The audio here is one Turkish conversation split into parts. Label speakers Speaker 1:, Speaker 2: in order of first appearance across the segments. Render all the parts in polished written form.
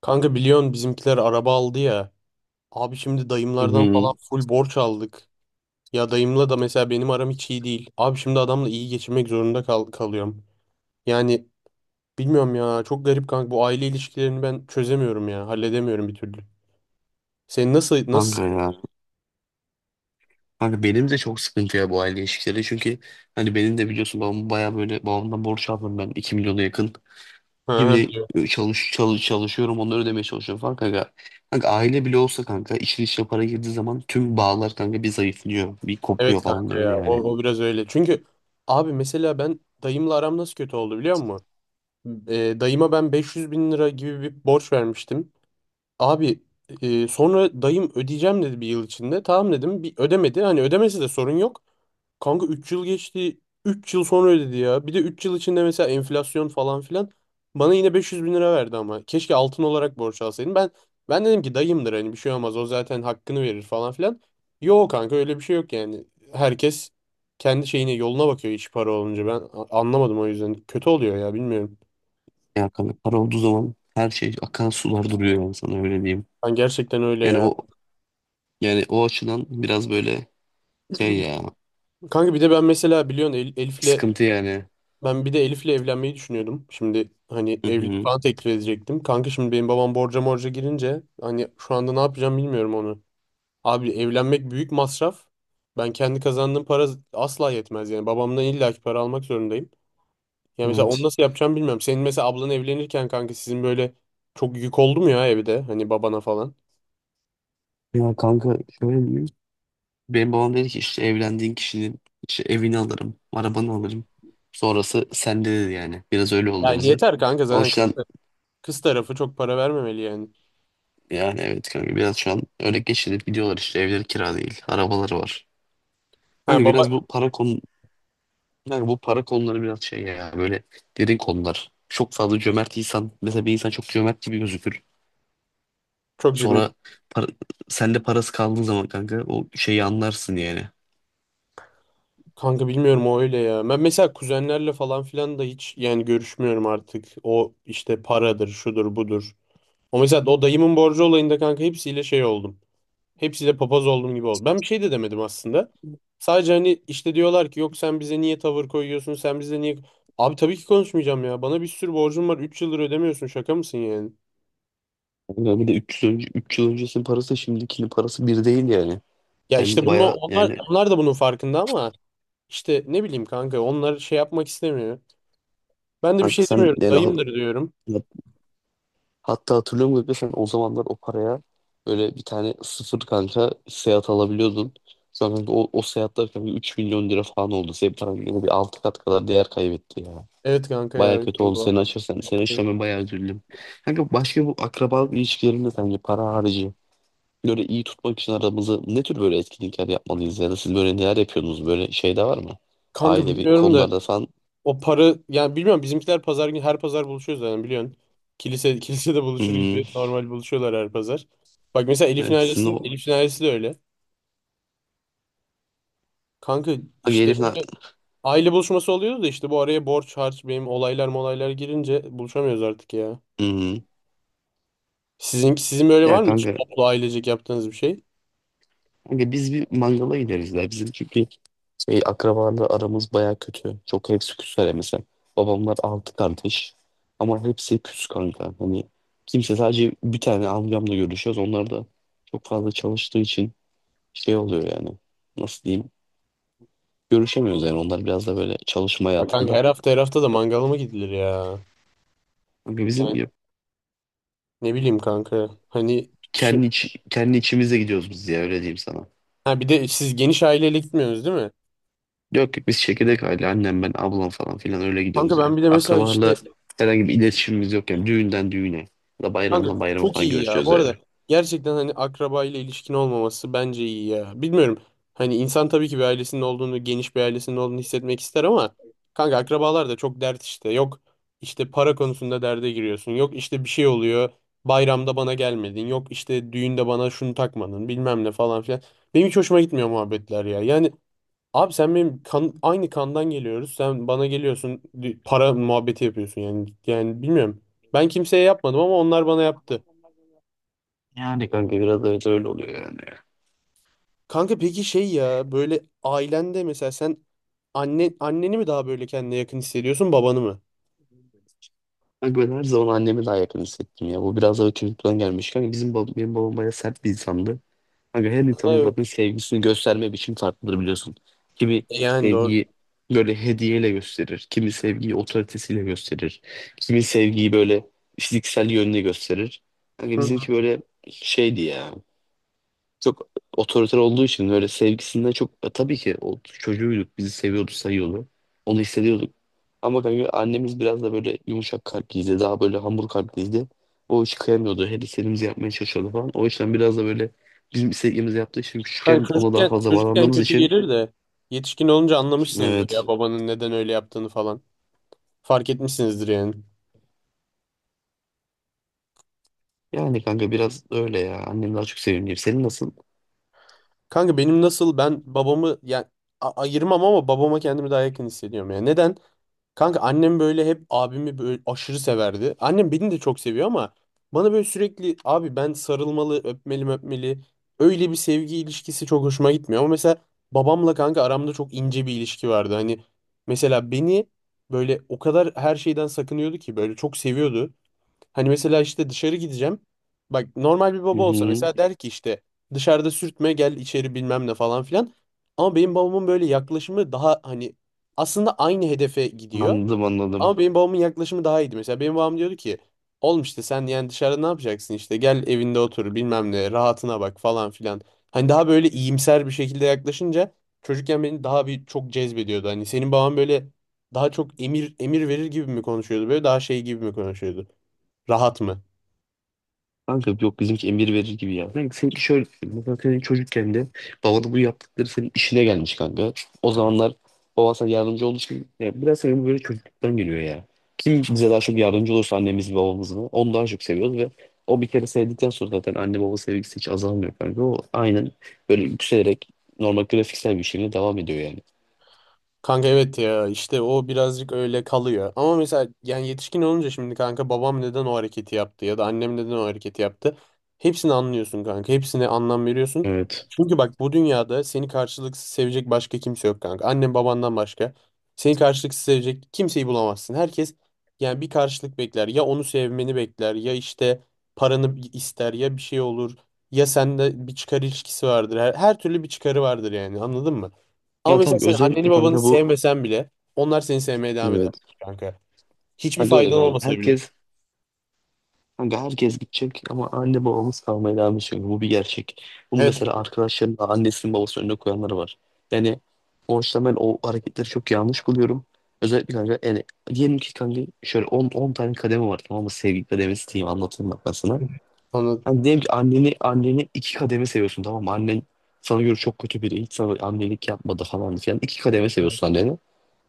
Speaker 1: Kanka biliyorsun bizimkiler araba aldı ya. Abi şimdi
Speaker 2: Hı
Speaker 1: dayımlardan
Speaker 2: hı.
Speaker 1: falan full borç aldık. Ya dayımla da mesela benim aram hiç iyi değil. Abi şimdi adamla iyi geçinmek zorunda kalıyorum. Yani bilmiyorum ya, çok garip kanka, bu aile ilişkilerini ben çözemiyorum ya. Halledemiyorum bir türlü. Sen nasıl?
Speaker 2: Kanka ya. Kanka benim de çok sıkıntı ya bu aile ilişkileri. Çünkü hani benim de biliyorsun babam baya böyle babamdan borç aldım ben 2 milyona yakın.
Speaker 1: Ha, ha,
Speaker 2: Şimdi
Speaker 1: biliyorum.
Speaker 2: çalışıyorum onları ödemeye çalışıyorum falan kanka. Kanka aile bile olsa kanka işin içine para girdiği zaman tüm bağlar kanka bir zayıflıyor. Bir
Speaker 1: Evet
Speaker 2: kopuyor falan
Speaker 1: kanka
Speaker 2: da öyle
Speaker 1: ya, o,
Speaker 2: yani.
Speaker 1: o biraz öyle. Çünkü abi mesela ben dayımla aram nasıl kötü oldu biliyor musun? Dayıma ben 500 bin lira gibi bir borç vermiştim. Abi, sonra dayım ödeyeceğim dedi bir yıl içinde. Tamam dedim. Bir ödemedi. Hani ödemesi de sorun yok. Kanka 3 yıl geçti. Üç yıl sonra ödedi ya. Bir de 3 yıl içinde mesela enflasyon falan filan. Bana yine 500 bin lira verdi ama. Keşke altın olarak borç alsaydım. Ben dedim ki dayımdır, hani bir şey olmaz. O zaten hakkını verir falan filan. Yok kanka, öyle bir şey yok yani. Herkes kendi yoluna bakıyor iş para olunca. Ben anlamadım o yüzden. Kötü oluyor ya, bilmiyorum.
Speaker 2: Yani kanka para olduğu zaman her şey akan sular duruyor yani sana öyle diyeyim.
Speaker 1: Ben gerçekten öyle
Speaker 2: Yani
Speaker 1: ya.
Speaker 2: o o açıdan biraz böyle şey ya
Speaker 1: Kanka bir de ben mesela biliyorsun Elif'le
Speaker 2: sıkıntı yani.
Speaker 1: ben bir de Elif'le evlenmeyi düşünüyordum. Şimdi hani
Speaker 2: Hı
Speaker 1: evlilik
Speaker 2: hı.
Speaker 1: falan teklif edecektim. Kanka şimdi benim babam borca morca girince hani şu anda ne yapacağım bilmiyorum onu. Abi evlenmek büyük masraf. Ben kendi kazandığım para asla yetmez yani. Babamdan illaki para almak zorundayım. Yani mesela onu
Speaker 2: Evet.
Speaker 1: nasıl yapacağım bilmiyorum. Senin mesela ablan evlenirken kanka sizin böyle çok yük oldu mu ya evde, hani babana falan?
Speaker 2: Ya kanka şöyle diyeyim. Benim babam dedi ki işte evlendiğin kişinin işte evini alırım, arabanı alırım. Sonrası sende dedi yani. Biraz öyle oldu
Speaker 1: Yani
Speaker 2: bizim.
Speaker 1: yeter kanka,
Speaker 2: O
Speaker 1: zaten kız,
Speaker 2: yüzden
Speaker 1: kız tarafı çok para vermemeli yani.
Speaker 2: yani evet kanka biraz şu an öyle geçinip gidiyorlar, işte evleri kira değil, arabaları var.
Speaker 1: Ha
Speaker 2: Kanka
Speaker 1: baba,
Speaker 2: biraz bu para konu kanka bu para konuları biraz şey ya böyle derin konular. Çok fazla cömert insan, mesela bir insan çok cömert gibi gözükür.
Speaker 1: çok cimri.
Speaker 2: Sonra para, sende parası kaldığı zaman kanka o şeyi anlarsın yani.
Speaker 1: Kanka bilmiyorum, o öyle ya. Ben mesela kuzenlerle falan filan da hiç yani görüşmüyorum artık. O işte paradır, şudur, budur. O mesela o dayımın borcu olayında kanka hepsiyle şey oldum. Hepsiyle papaz olduğum gibi oldu. Ben bir şey de demedim aslında. Sadece hani işte diyorlar ki yok sen bize niye tavır koyuyorsun, sen bize niye... Abi tabii ki konuşmayacağım ya. Bana bir sürü borcum var. Üç yıldır ödemiyorsun. Şaka mısın yani?
Speaker 2: Kanka bir de 300 önce 3 yıl öncesinin parası şimdikinin parası bir değil yani.
Speaker 1: Ya işte
Speaker 2: Sen
Speaker 1: bunu
Speaker 2: baya
Speaker 1: onlar
Speaker 2: yani
Speaker 1: onlar da bunun farkında, ama işte ne bileyim kanka onlar şey yapmak istemiyor. Ben de bir
Speaker 2: kanka
Speaker 1: şey
Speaker 2: sen
Speaker 1: demiyorum.
Speaker 2: yani ha-
Speaker 1: Dayımdır diyorum.
Speaker 2: ya- hatta hatırlıyorum gibi sen o zamanlar o paraya böyle bir tane sıfır kanka Seat alabiliyordun. Sonra kanka o Seat'lar kanka 3 milyon lira falan oldu. Senin paran yine bir 6 kat kadar değer kaybetti ya.
Speaker 1: Evet kanka ya,
Speaker 2: Baya
Speaker 1: öyle
Speaker 2: kötü
Speaker 1: oldu
Speaker 2: oldu seni
Speaker 1: valla.
Speaker 2: açırsan. Seni açırsam ben bayağı üzüldüm. Kanka başka, bu akrabalık ilişkilerinde sence para harici böyle iyi tutmak için aramızı ne tür böyle etkinlikler yapmalıyız, ya da siz böyle neler yapıyorsunuz, böyle şey de var mı?
Speaker 1: Kanka
Speaker 2: Ailevi
Speaker 1: bilmiyorum da
Speaker 2: konularda falan.
Speaker 1: o para yani bilmiyorum, bizimkiler pazar günü, her pazar buluşuyoruz zaten biliyorsun. Kilise kilisede buluşur
Speaker 2: Hmm,
Speaker 1: gibi normal buluşuyorlar her pazar. Bak mesela
Speaker 2: evet, sizin o.
Speaker 1: Elif'in ailesi de öyle. Kanka
Speaker 2: Hani
Speaker 1: işte
Speaker 2: herifin.
Speaker 1: böyle aile buluşması oluyordu da işte bu araya borç harç benim olaylar molaylar girince buluşamıyoruz artık ya.
Speaker 2: Hmm.
Speaker 1: Sizin böyle
Speaker 2: Ya
Speaker 1: var mı hiç
Speaker 2: kanka,
Speaker 1: toplu ailecek yaptığınız bir şey?
Speaker 2: kanka biz bir mangala gideriz ya. Bizim çünkü şey, akrabalarla aramız baya kötü. Çok, hepsi küsler mesela. Babamlar altı kardeş. Ama hepsi küs kanka. Hani sadece bir tane amcamla görüşüyoruz. Onlar da çok fazla çalıştığı için şey oluyor yani. Nasıl diyeyim? Görüşemiyoruz yani. Onlar biraz da böyle çalışma
Speaker 1: Ya kanka,
Speaker 2: hayatında.
Speaker 1: her hafta da mangala mı gidilir ya?
Speaker 2: Kanka bizim
Speaker 1: Yani ne bileyim kanka. Hani
Speaker 2: kendi içimize gidiyoruz biz, ya öyle diyeyim sana.
Speaker 1: ha, bir de siz geniş aileyle gitmiyorsunuz değil mi?
Speaker 2: Yok yok, biz çekirdek aile, annem ben ablam falan filan öyle
Speaker 1: Kanka
Speaker 2: gidiyoruz ya.
Speaker 1: ben bir de mesela
Speaker 2: Akrabalarla
Speaker 1: işte
Speaker 2: herhangi bir iletişimimiz yok yani, düğünden düğüne ya da
Speaker 1: kanka
Speaker 2: bayramdan bayrama
Speaker 1: çok
Speaker 2: falan
Speaker 1: iyi ya.
Speaker 2: görüşüyoruz
Speaker 1: Bu arada
Speaker 2: öyle.
Speaker 1: gerçekten hani akraba ile ilişkin olmaması bence iyi ya. Bilmiyorum. Hani insan tabii ki bir ailesinin olduğunu, geniş bir ailesinin olduğunu hissetmek ister ama kanka akrabalar da çok dert işte. Yok işte para konusunda derde giriyorsun. Yok işte bir şey oluyor. Bayramda bana gelmedin. Yok işte düğünde bana şunu takmadın, bilmem ne falan filan. Benim hiç hoşuma gitmiyor muhabbetler ya. Yani abi sen benim aynı kandan geliyoruz. Sen bana geliyorsun, para muhabbeti yapıyorsun yani. Yani bilmiyorum. Ben kimseye yapmadım ama onlar bana yaptı.
Speaker 2: Yani kanka biraz evet öyle oluyor yani.
Speaker 1: Kanka peki şey ya, böyle ailende mesela sen anneni mi daha böyle kendine yakın hissediyorsun, babanı mı?
Speaker 2: Kanka ben her zaman annemi daha yakın hissettim ya. Bu biraz da çocukluktan gelmiş. Kanka bizim benim babam bayağı sert bir insandı. Kanka her insanın zaten
Speaker 1: Evet.
Speaker 2: sevgisini gösterme biçimi farklıdır biliyorsun. Kimi
Speaker 1: Yani doğru.
Speaker 2: sevgiyi böyle hediyeyle gösterir. Kimi sevgiyi otoritesiyle gösterir. Kimi sevgiyi böyle fiziksel yönüyle gösterir. Kanka
Speaker 1: Hı.
Speaker 2: bizimki böyle şeydi ya, çok otoriter olduğu için böyle sevgisinden çok tabii ki o, çocuğuyduk bizi seviyordu sayıyordu. Onu hissediyorduk. Ama kanka annemiz biraz da böyle yumuşak kalpliydi. Daha böyle hamur kalpliydi. O hiç kıyamıyordu. Her istediğimizi yapmaya çalışıyordu falan. O yüzden biraz da böyle bizim istediğimizi yaptığı için
Speaker 1: Kanka
Speaker 2: küçükken ona daha
Speaker 1: çocukken,
Speaker 2: fazla
Speaker 1: çocukken
Speaker 2: bağlandığımız
Speaker 1: kötü
Speaker 2: için,
Speaker 1: gelir de yetişkin olunca anlamışsınızdır
Speaker 2: evet.
Speaker 1: ya babanın neden öyle yaptığını falan. Fark etmişsinizdir yani.
Speaker 2: Yani kanka biraz öyle ya. Annem daha çok sevimli. Senin nasıl?
Speaker 1: Kanka benim nasıl, ben babamı yani ayırmam ama babama kendimi daha yakın hissediyorum ya. Neden? Kanka annem böyle hep abimi böyle aşırı severdi. Annem beni de çok seviyor ama bana böyle sürekli abi, ben sarılmalı, öpmeli, öpmeli. Öyle bir sevgi ilişkisi çok hoşuma gitmiyor. Ama mesela babamla kanka aramda çok ince bir ilişki vardı. Hani mesela beni böyle o kadar her şeyden sakınıyordu ki, böyle çok seviyordu. Hani mesela işte dışarı gideceğim. Bak normal bir
Speaker 2: Hı
Speaker 1: baba olsa
Speaker 2: hı.
Speaker 1: mesela der ki işte dışarıda sürtme, gel içeri, bilmem ne falan filan. Ama benim babamın böyle yaklaşımı daha hani aslında aynı hedefe gidiyor.
Speaker 2: Anladım anladım.
Speaker 1: Ama benim babamın yaklaşımı daha iyiydi. Mesela benim babam diyordu ki oğlum işte sen yani dışarıda ne yapacaksın, işte gel evinde otur bilmem ne, rahatına bak falan filan. Hani daha böyle iyimser bir şekilde yaklaşınca çocukken beni daha bir çok cezbediyordu. Hani senin baban böyle daha çok emir verir gibi mi konuşuyordu, böyle daha şey gibi mi konuşuyordu? Rahat mı?
Speaker 2: Kanka yok, bizimki emir verir gibi ya. Kanka seninki şöyle düşün. Mesela senin çocukken de babanın bu yaptıkları senin işine gelmiş kanka. O zamanlar baban sana yardımcı olduğu için ya, biraz senin bu böyle çocukluktan geliyor ya. Kim bize daha çok yardımcı olursa, annemiz mi babamız mı, onu daha çok seviyoruz ve o bir kere sevdikten sonra zaten anne baba sevgisi hiç azalmıyor kanka. O aynen böyle yükselerek normal grafiksel bir şekilde devam ediyor yani.
Speaker 1: Kanka evet ya, işte o birazcık öyle kalıyor. Ama mesela yani yetişkin olunca şimdi kanka babam neden o hareketi yaptı ya da annem neden o hareketi yaptı. Hepsini anlıyorsun kanka. Hepsine anlam veriyorsun.
Speaker 2: Evet.
Speaker 1: Çünkü bak, bu dünyada seni karşılıksız sevecek başka kimse yok kanka. Annen babandan başka. Seni karşılıksız sevecek kimseyi bulamazsın. Herkes yani bir karşılık bekler. Ya onu sevmeni bekler, ya işte paranı ister, ya bir şey olur. Ya sende bir çıkar ilişkisi vardır. Her türlü bir çıkarı vardır yani, anladın mı? Ama
Speaker 2: Ya
Speaker 1: mesela
Speaker 2: tabii
Speaker 1: sen anneni
Speaker 2: özellikle
Speaker 1: babanı
Speaker 2: kanka bu,
Speaker 1: sevmesen bile onlar seni sevmeye devam eder
Speaker 2: evet.
Speaker 1: kanka. Hiçbir
Speaker 2: Kanka öyle
Speaker 1: faydan
Speaker 2: kanka.
Speaker 1: olmasa bile.
Speaker 2: Kanka herkes gidecek ama anne babamız kalmaya devam edecek. Bu bir gerçek. Bunu
Speaker 1: Evet.
Speaker 2: mesela arkadaşlarım da, annesinin babasının önüne koyanları var. Yani o yüzden ben o hareketleri çok yanlış buluyorum. Özellikle kanka yani, diyelim ki kanka şöyle 10 tane kademe var, tamam mı? Sevgi kademesi diyeyim, anlatayım bak ben sana.
Speaker 1: Anladım.
Speaker 2: Hani diyelim ki anneni iki kademe seviyorsun tamam mı? Annen sana göre çok kötü biri. Hiç sana annelik yapmadı falan filan. İki kademe seviyorsun anneni.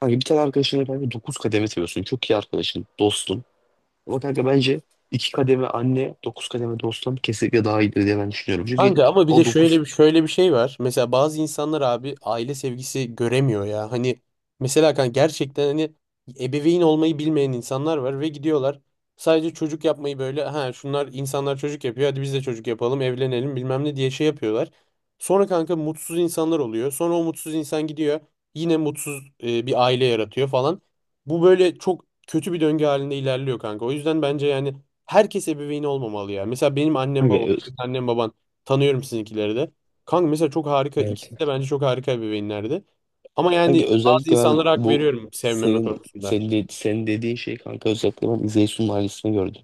Speaker 2: Hani bir tane arkadaşını kanka 9 kademe seviyorsun. Çok iyi arkadaşın, dostun. Ama kanka bence iki kademe anne, dokuz kademe dostum kesinlikle daha iyidir diye ben düşünüyorum. Çünkü
Speaker 1: Kanka ama bir de
Speaker 2: o
Speaker 1: şöyle
Speaker 2: dokuz...
Speaker 1: bir şöyle bir şey var. Mesela bazı insanlar abi aile sevgisi göremiyor ya. Hani mesela kanka gerçekten hani ebeveyn olmayı bilmeyen insanlar var ve gidiyorlar sadece çocuk yapmayı böyle, ha şunlar insanlar çocuk yapıyor hadi biz de çocuk yapalım evlenelim bilmem ne diye şey yapıyorlar. Sonra kanka mutsuz insanlar oluyor. Sonra o mutsuz insan gidiyor yine mutsuz bir aile yaratıyor falan. Bu böyle çok kötü bir döngü halinde ilerliyor kanka. O yüzden bence yani herkes ebeveyn olmamalı ya. Mesela benim annem
Speaker 2: Kanka,
Speaker 1: babam,
Speaker 2: ö-
Speaker 1: senin annen baban, tanıyorum sizinkileri de. Kanka mesela çok harika.
Speaker 2: evet.
Speaker 1: İkisi de bence çok harika ebeveynlerdi. Ama
Speaker 2: Kanka
Speaker 1: yani bazı
Speaker 2: özellikle ben
Speaker 1: insanlara hak
Speaker 2: bu
Speaker 1: veriyorum sevmeme konusunda.
Speaker 2: senin dediğin şey kanka, özellikle ben İzeysu'nun ailesini gördüm.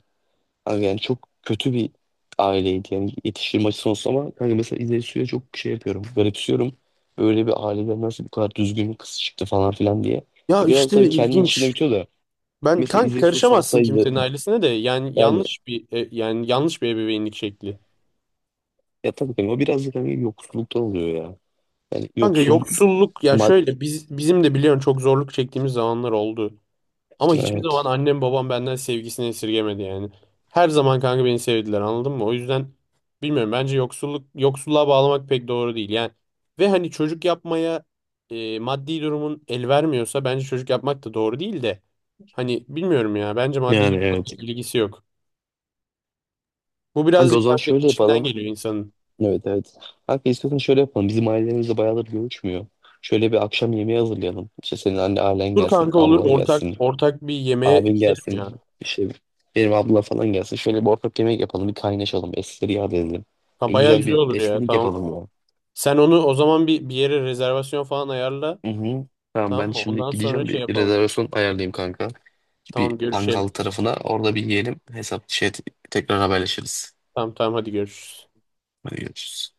Speaker 2: Kanka yani çok kötü bir aileydi yani yetiştirme açısından olsa, ama kanka mesela İzeysu'ya çok şey yapıyorum, garipsiyorum. Böyle bir aileden nasıl bu kadar düzgün bir kız çıktı falan filan diye.
Speaker 1: Ya
Speaker 2: Biraz tabii
Speaker 1: işte
Speaker 2: kendi içinde
Speaker 1: ilginç.
Speaker 2: bitiyor da
Speaker 1: Ben
Speaker 2: mesela,
Speaker 1: kanka,
Speaker 2: İzeysu'ya
Speaker 1: karışamazsın
Speaker 2: salsaydı
Speaker 1: kimsenin ailesine de. Yani
Speaker 2: yani,
Speaker 1: yanlış bir yani yanlış bir ebeveynlik şekli.
Speaker 2: ya tabii kanka o biraz da kanka yoksulluktan oluyor ya. Yani
Speaker 1: Kanka
Speaker 2: yoksul
Speaker 1: yoksulluk ya,
Speaker 2: mad
Speaker 1: şöyle biz, bizim de biliyorsun çok zorluk çektiğimiz zamanlar oldu. Ama hiçbir zaman
Speaker 2: evet.
Speaker 1: annem babam benden sevgisini esirgemedi yani. Her zaman kanka beni sevdiler, anladın mı? O yüzden bilmiyorum, bence yoksulluk, yoksulluğa bağlamak pek doğru değil yani. Ve hani çocuk yapmaya, maddi durumun el vermiyorsa bence çocuk yapmak da doğru değil de. Hani bilmiyorum ya, bence maddi
Speaker 2: Yani
Speaker 1: durumla
Speaker 2: evet.
Speaker 1: pek ilgisi yok. Bu
Speaker 2: Kanka o
Speaker 1: birazcık
Speaker 2: zaman
Speaker 1: kanka
Speaker 2: şöyle
Speaker 1: içinden
Speaker 2: yapalım.
Speaker 1: geliyor insanın.
Speaker 2: Evet evet. Kanka istiyorsan şöyle yapalım. Bizim ailemizle bayağıdır görüşmüyor. Şöyle bir akşam yemeği hazırlayalım. İşte senin ailen
Speaker 1: Dur
Speaker 2: gelsin,
Speaker 1: kanka, olur,
Speaker 2: ablan
Speaker 1: ortak
Speaker 2: gelsin,
Speaker 1: ortak bir yemeğe
Speaker 2: abin
Speaker 1: gidelim ya.
Speaker 2: gelsin. İşte benim abla falan gelsin. Şöyle bir ortak yemek yapalım. Bir kaynaşalım. Eskileri yad edelim.
Speaker 1: Ha, bayağı
Speaker 2: Güzel
Speaker 1: güzel
Speaker 2: bir
Speaker 1: olur ya,
Speaker 2: etkinlik
Speaker 1: tamam.
Speaker 2: yapalım ya.
Speaker 1: Sen onu o zaman bir yere rezervasyon falan ayarla.
Speaker 2: Hı hı. Tamam,
Speaker 1: Tamam
Speaker 2: ben
Speaker 1: mı?
Speaker 2: şimdi
Speaker 1: Ondan sonra
Speaker 2: gideceğim,
Speaker 1: şey
Speaker 2: bir
Speaker 1: yapalım.
Speaker 2: rezervasyon ayarlayayım kanka. Bir
Speaker 1: Tamam,
Speaker 2: Pangal
Speaker 1: görüşelim.
Speaker 2: tarafına, orada bir yiyelim. Hesap şey tekrar haberleşiriz.
Speaker 1: Tamam, hadi görüşürüz.
Speaker 2: Hadi görüşürüz.